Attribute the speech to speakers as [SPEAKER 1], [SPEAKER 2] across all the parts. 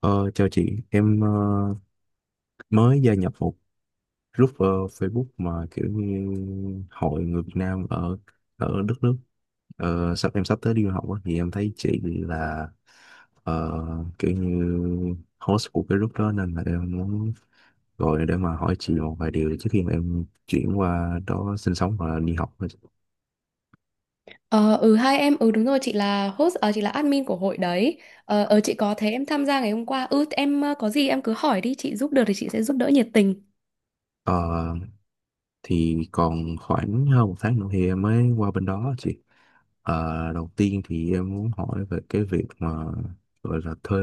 [SPEAKER 1] Ờ, Chào chị, em mới gia nhập một group, Facebook, mà kiểu như hội người Việt Nam ở ở đất nước sắp tới đi du học á, thì em thấy chị là, ờ, kiểu như host của cái group đó, nên là em muốn gọi để mà hỏi chị một vài điều trước khi mà em chuyển qua đó sinh sống và đi học.
[SPEAKER 2] Ờ, ừ hai em ừ đúng rồi, chị là host, chị là admin của hội đấy. Chị có thế em tham gia ngày hôm qua. Có gì em cứ hỏi đi, chị giúp được thì chị sẽ giúp đỡ nhiệt tình.
[SPEAKER 1] Ờ, thì còn khoảng hơn một tháng nữa thì em mới qua bên đó chị. Đầu tiên thì em muốn hỏi về cái việc mà gọi là thuê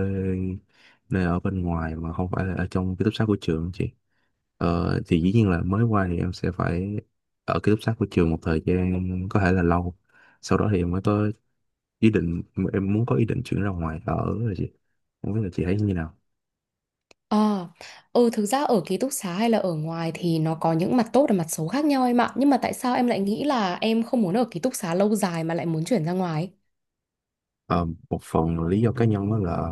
[SPEAKER 1] nơi ở bên ngoài mà không phải là ở trong ký túc xá của trường chị. Thì dĩ nhiên là mới qua thì em sẽ phải ở ký túc xá của trường một thời gian, có thể là lâu, sau đó thì em mới có ý định, em muốn có ý định chuyển ra ngoài ở, rồi chị không biết là chị thấy như nào.
[SPEAKER 2] ờ ừ, thực ra ở ký túc xá hay là ở ngoài thì nó có những mặt tốt và mặt xấu khác nhau em ạ, nhưng mà tại sao em lại nghĩ là em không muốn ở ký túc xá lâu dài mà lại muốn chuyển ra ngoài?
[SPEAKER 1] Ờ, Một phần lý do cá nhân đó là,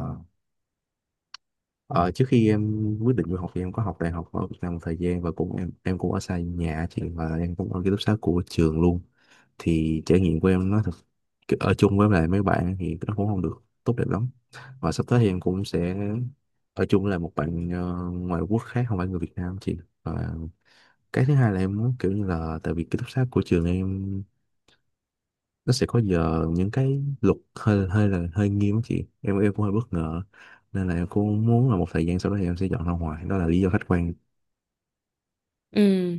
[SPEAKER 1] Ờ, trước khi em quyết định du học thì em có học đại học ở Việt Nam một thời gian, và cũng em cũng ở xa nhà chị, và em cũng ở ký túc xá của trường luôn. Thì trải nghiệm của em nó thật, ở chung với lại mấy bạn thì nó cũng không được tốt đẹp lắm. Và sắp tới thì em cũng sẽ ở chung với lại một bạn ngoại quốc khác, không phải người Việt Nam chị. Và cái thứ hai là em muốn kiểu như là, tại vì ký túc xá của trường em nó sẽ có giờ, những cái luật hơi hơi là hơi nghiêm á chị, em cũng hơi bất ngờ, nên là em cũng muốn là một thời gian sau đó thì em sẽ dọn ra ngoài, đó là lý do khách quan.
[SPEAKER 2] Ừ.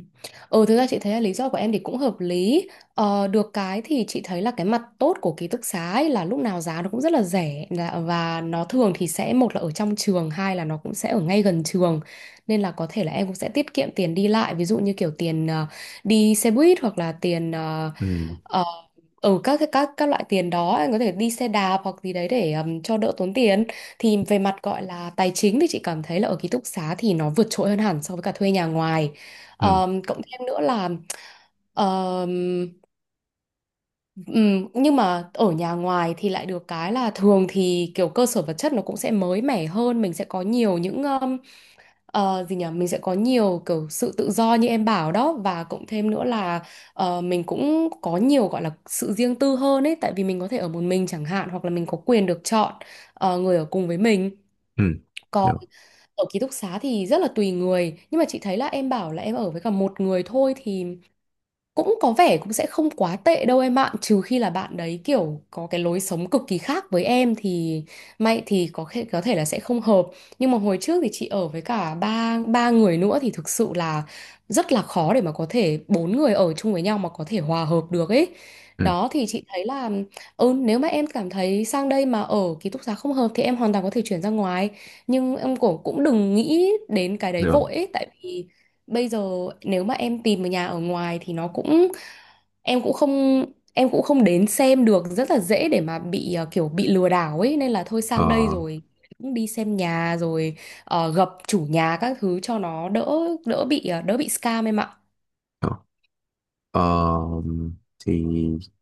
[SPEAKER 2] Ừ, thực ra chị thấy là lý do của em thì cũng hợp lý. Ờ, được cái thì chị thấy là cái mặt tốt của ký túc xá ấy là lúc nào giá nó cũng rất là rẻ và nó thường thì sẽ một là ở trong trường, hai là nó cũng sẽ ở ngay gần trường. Nên là có thể là em cũng sẽ tiết kiệm tiền đi lại, ví dụ như kiểu tiền đi xe buýt hoặc là tiền
[SPEAKER 1] Ừ.
[SPEAKER 2] Ờ, các cái các loại tiền đó, anh có thể đi xe đạp hoặc gì đấy để cho đỡ tốn tiền. Thì về mặt gọi là tài chính thì chị cảm thấy là ở ký túc xá thì nó vượt trội hơn hẳn so với cả thuê nhà ngoài.
[SPEAKER 1] Ừ.
[SPEAKER 2] Cộng thêm nữa là ờm, nhưng mà ở nhà ngoài thì lại được cái là thường thì kiểu cơ sở vật chất nó cũng sẽ mới mẻ hơn, mình sẽ có nhiều những— Ờ, gì nhỉ mình sẽ có nhiều kiểu sự tự do như em bảo đó, và cộng thêm nữa là mình cũng có nhiều gọi là sự riêng tư hơn ấy, tại vì mình có thể ở một mình chẳng hạn, hoặc là mình có quyền được chọn người ở cùng với mình.
[SPEAKER 1] Ừ.
[SPEAKER 2] Còn
[SPEAKER 1] Được.
[SPEAKER 2] ở ký túc xá thì rất là tùy người, nhưng mà chị thấy là em bảo là em ở với cả một người thôi thì cũng có vẻ cũng sẽ không quá tệ đâu em ạ, trừ khi là bạn đấy kiểu có cái lối sống cực kỳ khác với em thì may thì có thể là sẽ không hợp. Nhưng mà hồi trước thì chị ở với cả ba ba người nữa thì thực sự là rất là khó để mà có thể bốn người ở chung với nhau mà có thể hòa hợp được ấy.
[SPEAKER 1] Ừ.
[SPEAKER 2] Đó thì chị thấy là ừ, nếu mà em cảm thấy sang đây mà ở ký túc xá không hợp thì em hoàn toàn có thể chuyển ra ngoài, nhưng em cũng cũng đừng nghĩ đến cái đấy
[SPEAKER 1] Được.
[SPEAKER 2] vội ấy, tại vì bây giờ nếu mà em tìm một nhà ở ngoài thì nó cũng— em cũng không em cũng không đến xem được, rất là dễ để mà bị kiểu bị lừa đảo ấy, nên là thôi
[SPEAKER 1] Ờ.
[SPEAKER 2] sang đây rồi cũng đi xem nhà rồi, gặp chủ nhà các thứ cho nó đỡ đỡ bị, đỡ bị scam em ạ.
[SPEAKER 1] Ờ. ờ, thì,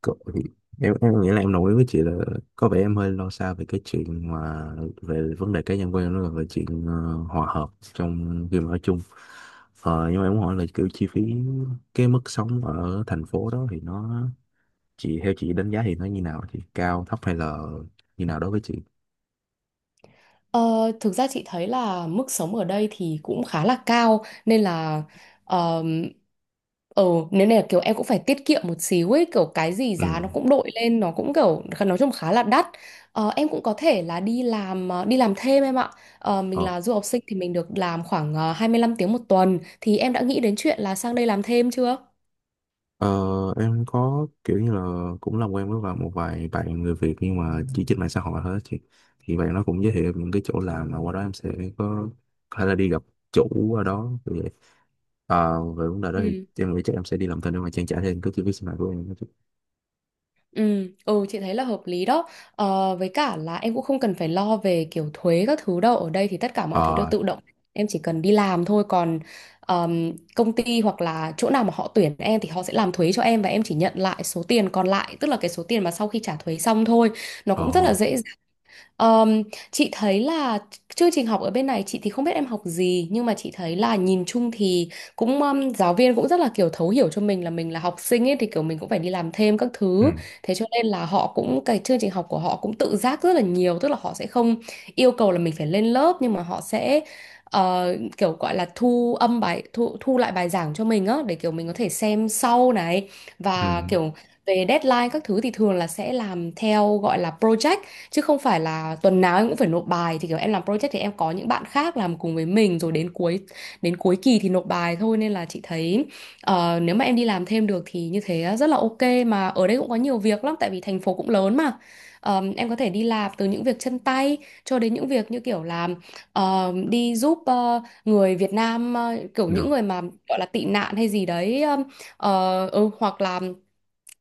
[SPEAKER 1] cậu- thì Em nghĩ là em đồng ý với chị là có vẻ em hơi lo xa về cái chuyện mà, về vấn đề cá nhân của em, nó là về chuyện hòa hợp trong khi mà ở chung. Nhưng mà em muốn hỏi là kiểu chi phí, cái mức sống ở thành phố đó thì nó, theo chị đánh giá thì nó như nào, thì cao thấp hay là như nào đối với chị.
[SPEAKER 2] Ờ, thực ra chị thấy là mức sống ở đây thì cũng khá là cao nên là ờm, ờ nếu này là kiểu em cũng phải tiết kiệm một xíu ấy, kiểu cái gì giá
[SPEAKER 1] Ừ.
[SPEAKER 2] nó cũng đội lên, nó cũng kiểu nói chung khá là đắt. Ờ, em cũng có thể là đi làm, đi làm thêm em ạ. Ờ, mình
[SPEAKER 1] ờ,
[SPEAKER 2] là du học sinh thì mình được làm khoảng 25 tiếng một tuần, thì em đã nghĩ đến chuyện là sang đây làm thêm chưa?
[SPEAKER 1] ờ em có kiểu như là cũng làm quen với vài một vài bạn người Việt nhưng mà chỉ trên mạng xã hội thôi á chị. Thì bạn nó cũng giới thiệu em những cái chỗ làm mà qua đó em sẽ có có thể là đi gặp chủ ở đó như vậy. Ờ, về vấn đề đó thì
[SPEAKER 2] Ừ.
[SPEAKER 1] em nghĩ chắc em sẽ đi làm thêm để mà trang trải thêm cái chi phí sinh hoạt của em đó chị.
[SPEAKER 2] Ừ, ừ chị thấy là hợp lý đó. Với cả là em cũng không cần phải lo về kiểu thuế các thứ đâu, ở đây thì tất cả mọi thứ đều
[SPEAKER 1] Ờ.
[SPEAKER 2] tự động, em chỉ cần đi làm thôi. Còn công ty hoặc là chỗ nào mà họ tuyển em thì họ sẽ làm thuế cho em, và em chỉ nhận lại số tiền còn lại, tức là cái số tiền mà sau khi trả thuế xong thôi. Nó
[SPEAKER 1] Ờ.
[SPEAKER 2] cũng rất là dễ. Ờm, chị thấy là chương trình học ở bên này, chị thì không biết em học gì, nhưng mà chị thấy là nhìn chung thì cũng giáo viên cũng rất là kiểu thấu hiểu cho mình là học sinh ấy, thì kiểu mình cũng phải đi làm thêm các
[SPEAKER 1] Ừ.
[SPEAKER 2] thứ. Thế cho nên là họ cũng— cái chương trình học của họ cũng tự giác rất là nhiều, tức là họ sẽ không yêu cầu là mình phải lên lớp, nhưng mà họ sẽ ờ, kiểu gọi là thu âm bài, thu thu lại bài giảng cho mình á, để kiểu mình có thể xem sau này. Và
[SPEAKER 1] Ừ.
[SPEAKER 2] kiểu về deadline các thứ thì thường là sẽ làm theo gọi là project, chứ không phải là tuần nào em cũng phải nộp bài. Thì kiểu em làm project thì em có những bạn khác làm cùng với mình, rồi đến cuối kỳ thì nộp bài thôi. Nên là chị thấy nếu mà em đi làm thêm được thì như thế rất là ok. Mà ở đây cũng có nhiều việc lắm tại vì thành phố cũng lớn mà. Ờ, em có thể đi làm từ những việc chân tay cho đến những việc như kiểu làm, đi giúp người Việt Nam, kiểu
[SPEAKER 1] Rồi.
[SPEAKER 2] những người mà gọi là tị nạn hay gì đấy, hoặc là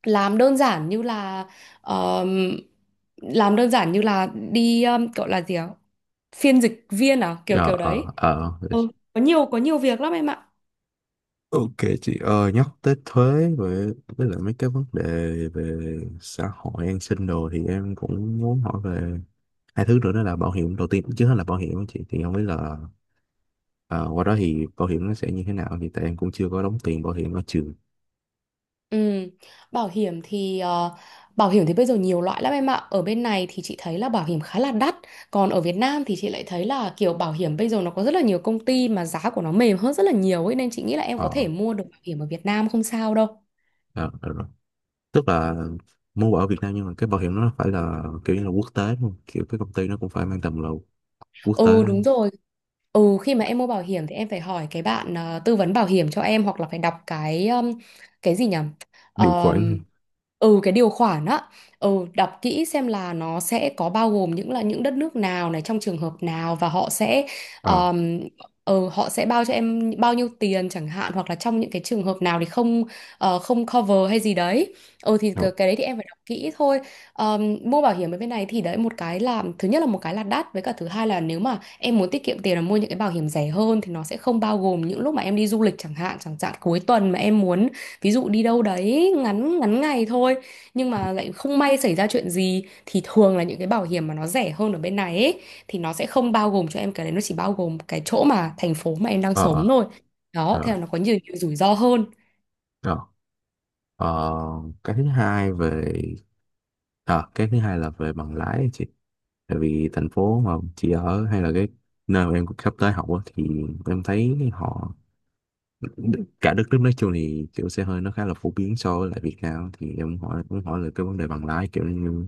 [SPEAKER 2] làm đơn giản như là— ờm, làm đơn giản như là đi, gọi là gì ạ, phiên dịch viên à, kiểu
[SPEAKER 1] Ờ.
[SPEAKER 2] kiểu đấy. Ừ, có nhiều việc lắm em ạ.
[SPEAKER 1] Ok. Chị ơi, nhắc tới thuế với lại mấy cái vấn đề về xã hội an sinh đồ, thì em cũng muốn hỏi về hai thứ nữa, đó là bảo hiểm. Đầu tiên trước hết là bảo hiểm á chị, thì không biết là ờ, qua đó thì bảo hiểm nó sẽ như thế nào, thì tại em cũng chưa có đóng tiền bảo hiểm ở trường.
[SPEAKER 2] Ừ. Bảo hiểm thì bây giờ nhiều loại lắm em ạ, ở bên này thì chị thấy là bảo hiểm khá là đắt. Còn ở Việt Nam thì chị lại thấy là kiểu bảo hiểm bây giờ nó có rất là nhiều công ty mà giá của nó mềm hơn rất là nhiều ấy, nên chị nghĩ là em có
[SPEAKER 1] Ờ.
[SPEAKER 2] thể mua được bảo hiểm ở Việt Nam không sao đâu.
[SPEAKER 1] Ờ, rồi. Tức là muốn bảo ở Việt Nam nhưng mà cái bảo hiểm nó phải là kiểu như là quốc tế luôn, kiểu cái công ty nó cũng phải mang tầm là quốc tế.
[SPEAKER 2] Ừ, đúng rồi. Ừ, khi mà em mua bảo hiểm thì em phải hỏi cái bạn tư vấn bảo hiểm cho em, hoặc là phải đọc cái, cái gì nhỉ?
[SPEAKER 1] Điều khoản.
[SPEAKER 2] Ờm, ừ, cái điều khoản á. Ừ, đọc kỹ xem là nó sẽ có bao gồm những— là những đất nước nào này, trong trường hợp nào, và họ sẽ
[SPEAKER 1] Ờ.
[SPEAKER 2] um, ừ, họ sẽ bao cho em bao nhiêu tiền chẳng hạn, hoặc là trong những cái trường hợp nào thì không, không cover hay gì đấy. Ừ, thì
[SPEAKER 1] Ờ.
[SPEAKER 2] cái đấy thì em phải đọc kỹ thôi. Mua bảo hiểm ở bên này thì đấy, một cái là thứ nhất là— một cái là đắt, với cả thứ hai là nếu mà em muốn tiết kiệm tiền là mua những cái bảo hiểm rẻ hơn, thì nó sẽ không bao gồm những lúc mà em đi du lịch chẳng hạn, chẳng hạn cuối tuần mà em muốn ví dụ đi đâu đấy ngắn ngắn ngày thôi, nhưng mà lại không may xảy ra chuyện gì, thì thường là những cái bảo hiểm mà nó rẻ hơn ở bên này ấy, thì nó sẽ không bao gồm cho em cái đấy, nó chỉ bao gồm cái chỗ mà thành phố mà em đang
[SPEAKER 1] Ờ. Ờ.
[SPEAKER 2] sống thôi. Đó, thế
[SPEAKER 1] Ờ.
[SPEAKER 2] là nó có nhiều, nhiều rủi ro hơn.
[SPEAKER 1] Ờ. Ờ, cái thứ hai về cái thứ hai là về bằng lái á chị. Tại vì thành phố mà chị ở hay là cái nơi mà em sắp tới học á, thì em thấy họ, cả đất nước nói chung thì kiểu xe hơi nó khá là phổ biến so với lại Việt Nam. Thì em muốn hỏi là cái vấn đề bằng lái kiểu như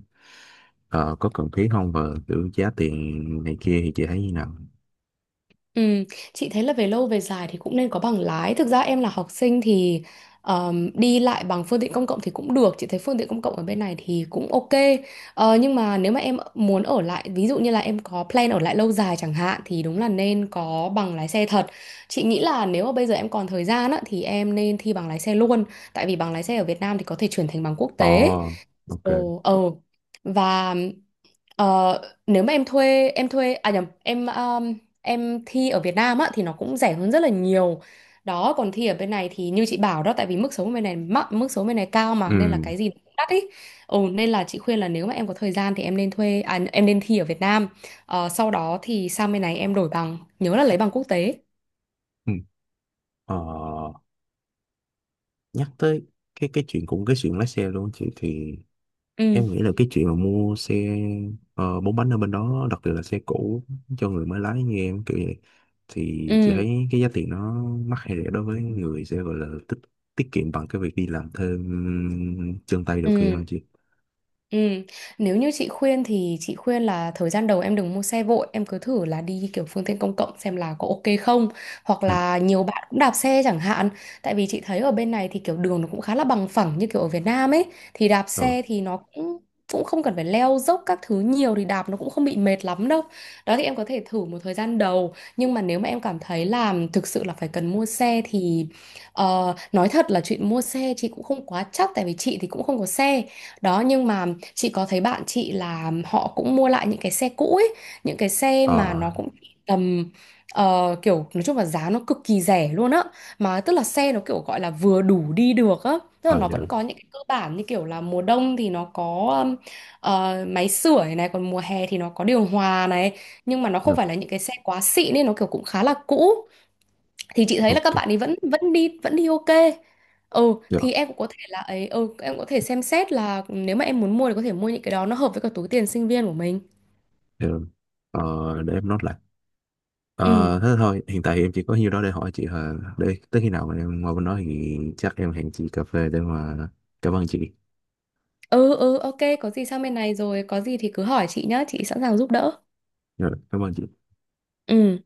[SPEAKER 1] có cần thiết không, và kiểu giá tiền này kia thì chị thấy như nào.
[SPEAKER 2] Ừ, chị thấy là về lâu về dài thì cũng nên có bằng lái. Thực ra em là học sinh thì đi lại bằng phương tiện công cộng thì cũng được. Chị thấy phương tiện công cộng ở bên này thì cũng ok. Ờ, nhưng mà nếu mà em muốn ở lại, ví dụ như là em có plan ở lại lâu dài chẳng hạn, thì đúng là nên có bằng lái xe thật. Chị nghĩ là nếu mà bây giờ em còn thời gian á, thì em nên thi bằng lái xe luôn. Tại vì bằng lái xe ở Việt Nam thì có thể chuyển thành bằng quốc tế.
[SPEAKER 1] Ồ, ok.
[SPEAKER 2] Ồ, ờ. Và— Ờ, nếu mà em thuê à nhầm em thi ở Việt Nam á thì nó cũng rẻ hơn rất là nhiều. Đó, còn thi ở bên này thì như chị bảo đó, tại vì mức sống bên này cao mà, nên là
[SPEAKER 1] Ừ.
[SPEAKER 2] cái gì cũng đắt ý. Ừ, nên là chị khuyên là nếu mà em có thời gian thì em nên thi ở Việt Nam. Ờ, sau đó thì sang bên này em đổi bằng, nhớ là lấy bằng quốc tế.
[SPEAKER 1] Ừ. Ờ, nhắc tới cái chuyện, cũng cái chuyện lái xe luôn chị, thì
[SPEAKER 2] ừ
[SPEAKER 1] em nghĩ là cái chuyện mà mua xe bốn bánh ở bên đó, đặc biệt là xe cũ cho người mới lái như em kiểu vậy, thì chị
[SPEAKER 2] ừ
[SPEAKER 1] thấy cái giá tiền nó mắc hay rẻ đối với người sẽ gọi là tiết kiệm bằng cái việc đi làm thêm chân tay đầu kia hơn
[SPEAKER 2] ừ
[SPEAKER 1] chị.
[SPEAKER 2] Ừ. Nếu như chị khuyên thì chị khuyên là thời gian đầu em đừng mua xe vội, em cứ thử là đi kiểu phương tiện công cộng xem là có ok không, hoặc
[SPEAKER 1] Ừ.
[SPEAKER 2] là nhiều bạn cũng đạp xe chẳng hạn. Tại vì chị thấy ở bên này thì kiểu đường nó cũng khá là bằng phẳng như kiểu ở Việt Nam ấy, thì đạp
[SPEAKER 1] Rồi.
[SPEAKER 2] xe thì nó cũng cũng không cần phải leo dốc các thứ nhiều, thì đạp nó cũng không bị mệt lắm đâu. Đó, thì em có thể thử một thời gian đầu, nhưng mà nếu mà em cảm thấy là thực sự là phải cần mua xe thì nói thật là chuyện mua xe chị cũng không quá chắc, tại vì chị thì cũng không có xe. Đó, nhưng mà chị có thấy bạn chị là họ cũng mua lại những cái xe cũ ấy, những cái xe mà
[SPEAKER 1] Ờ.
[SPEAKER 2] nó cũng chỉ tầm kiểu nói chung là giá nó cực kỳ rẻ luôn á. Mà tức là xe nó kiểu gọi là vừa đủ đi được á. Tức là
[SPEAKER 1] Ờ.
[SPEAKER 2] nó
[SPEAKER 1] Dạ.
[SPEAKER 2] vẫn có những cái cơ bản như kiểu là mùa đông thì nó có um, máy sưởi này, còn mùa hè thì nó có điều hòa này, nhưng mà nó
[SPEAKER 1] Dạ.
[SPEAKER 2] không phải là những cái xe quá xịn, nên nó kiểu cũng khá là cũ. Thì chị thấy là các
[SPEAKER 1] Ok.
[SPEAKER 2] bạn ấy vẫn vẫn đi ok. Ừ,
[SPEAKER 1] Dạ.
[SPEAKER 2] thì em cũng có thể là ấy, ừ em cũng có thể xem xét là ừ, nếu mà em muốn mua thì có thể mua những cái đó nó hợp với cả túi tiền sinh viên của mình.
[SPEAKER 1] Dạ, rồi. Ờ, để em nói lại.
[SPEAKER 2] Ừ.
[SPEAKER 1] Ờ, thế thôi. Hiện tại thì em chỉ có nhiêu đó để hỏi chị hả? Để tới khi nào mà em qua bên đó thì chắc em hẹn chị cà phê để mà cảm ơn chị.
[SPEAKER 2] Ừ, ok, có gì sang bên này rồi có gì thì cứ hỏi chị nhá, chị sẵn sàng giúp đỡ.
[SPEAKER 1] Rồi. Cảm ơn chị.
[SPEAKER 2] Ừ.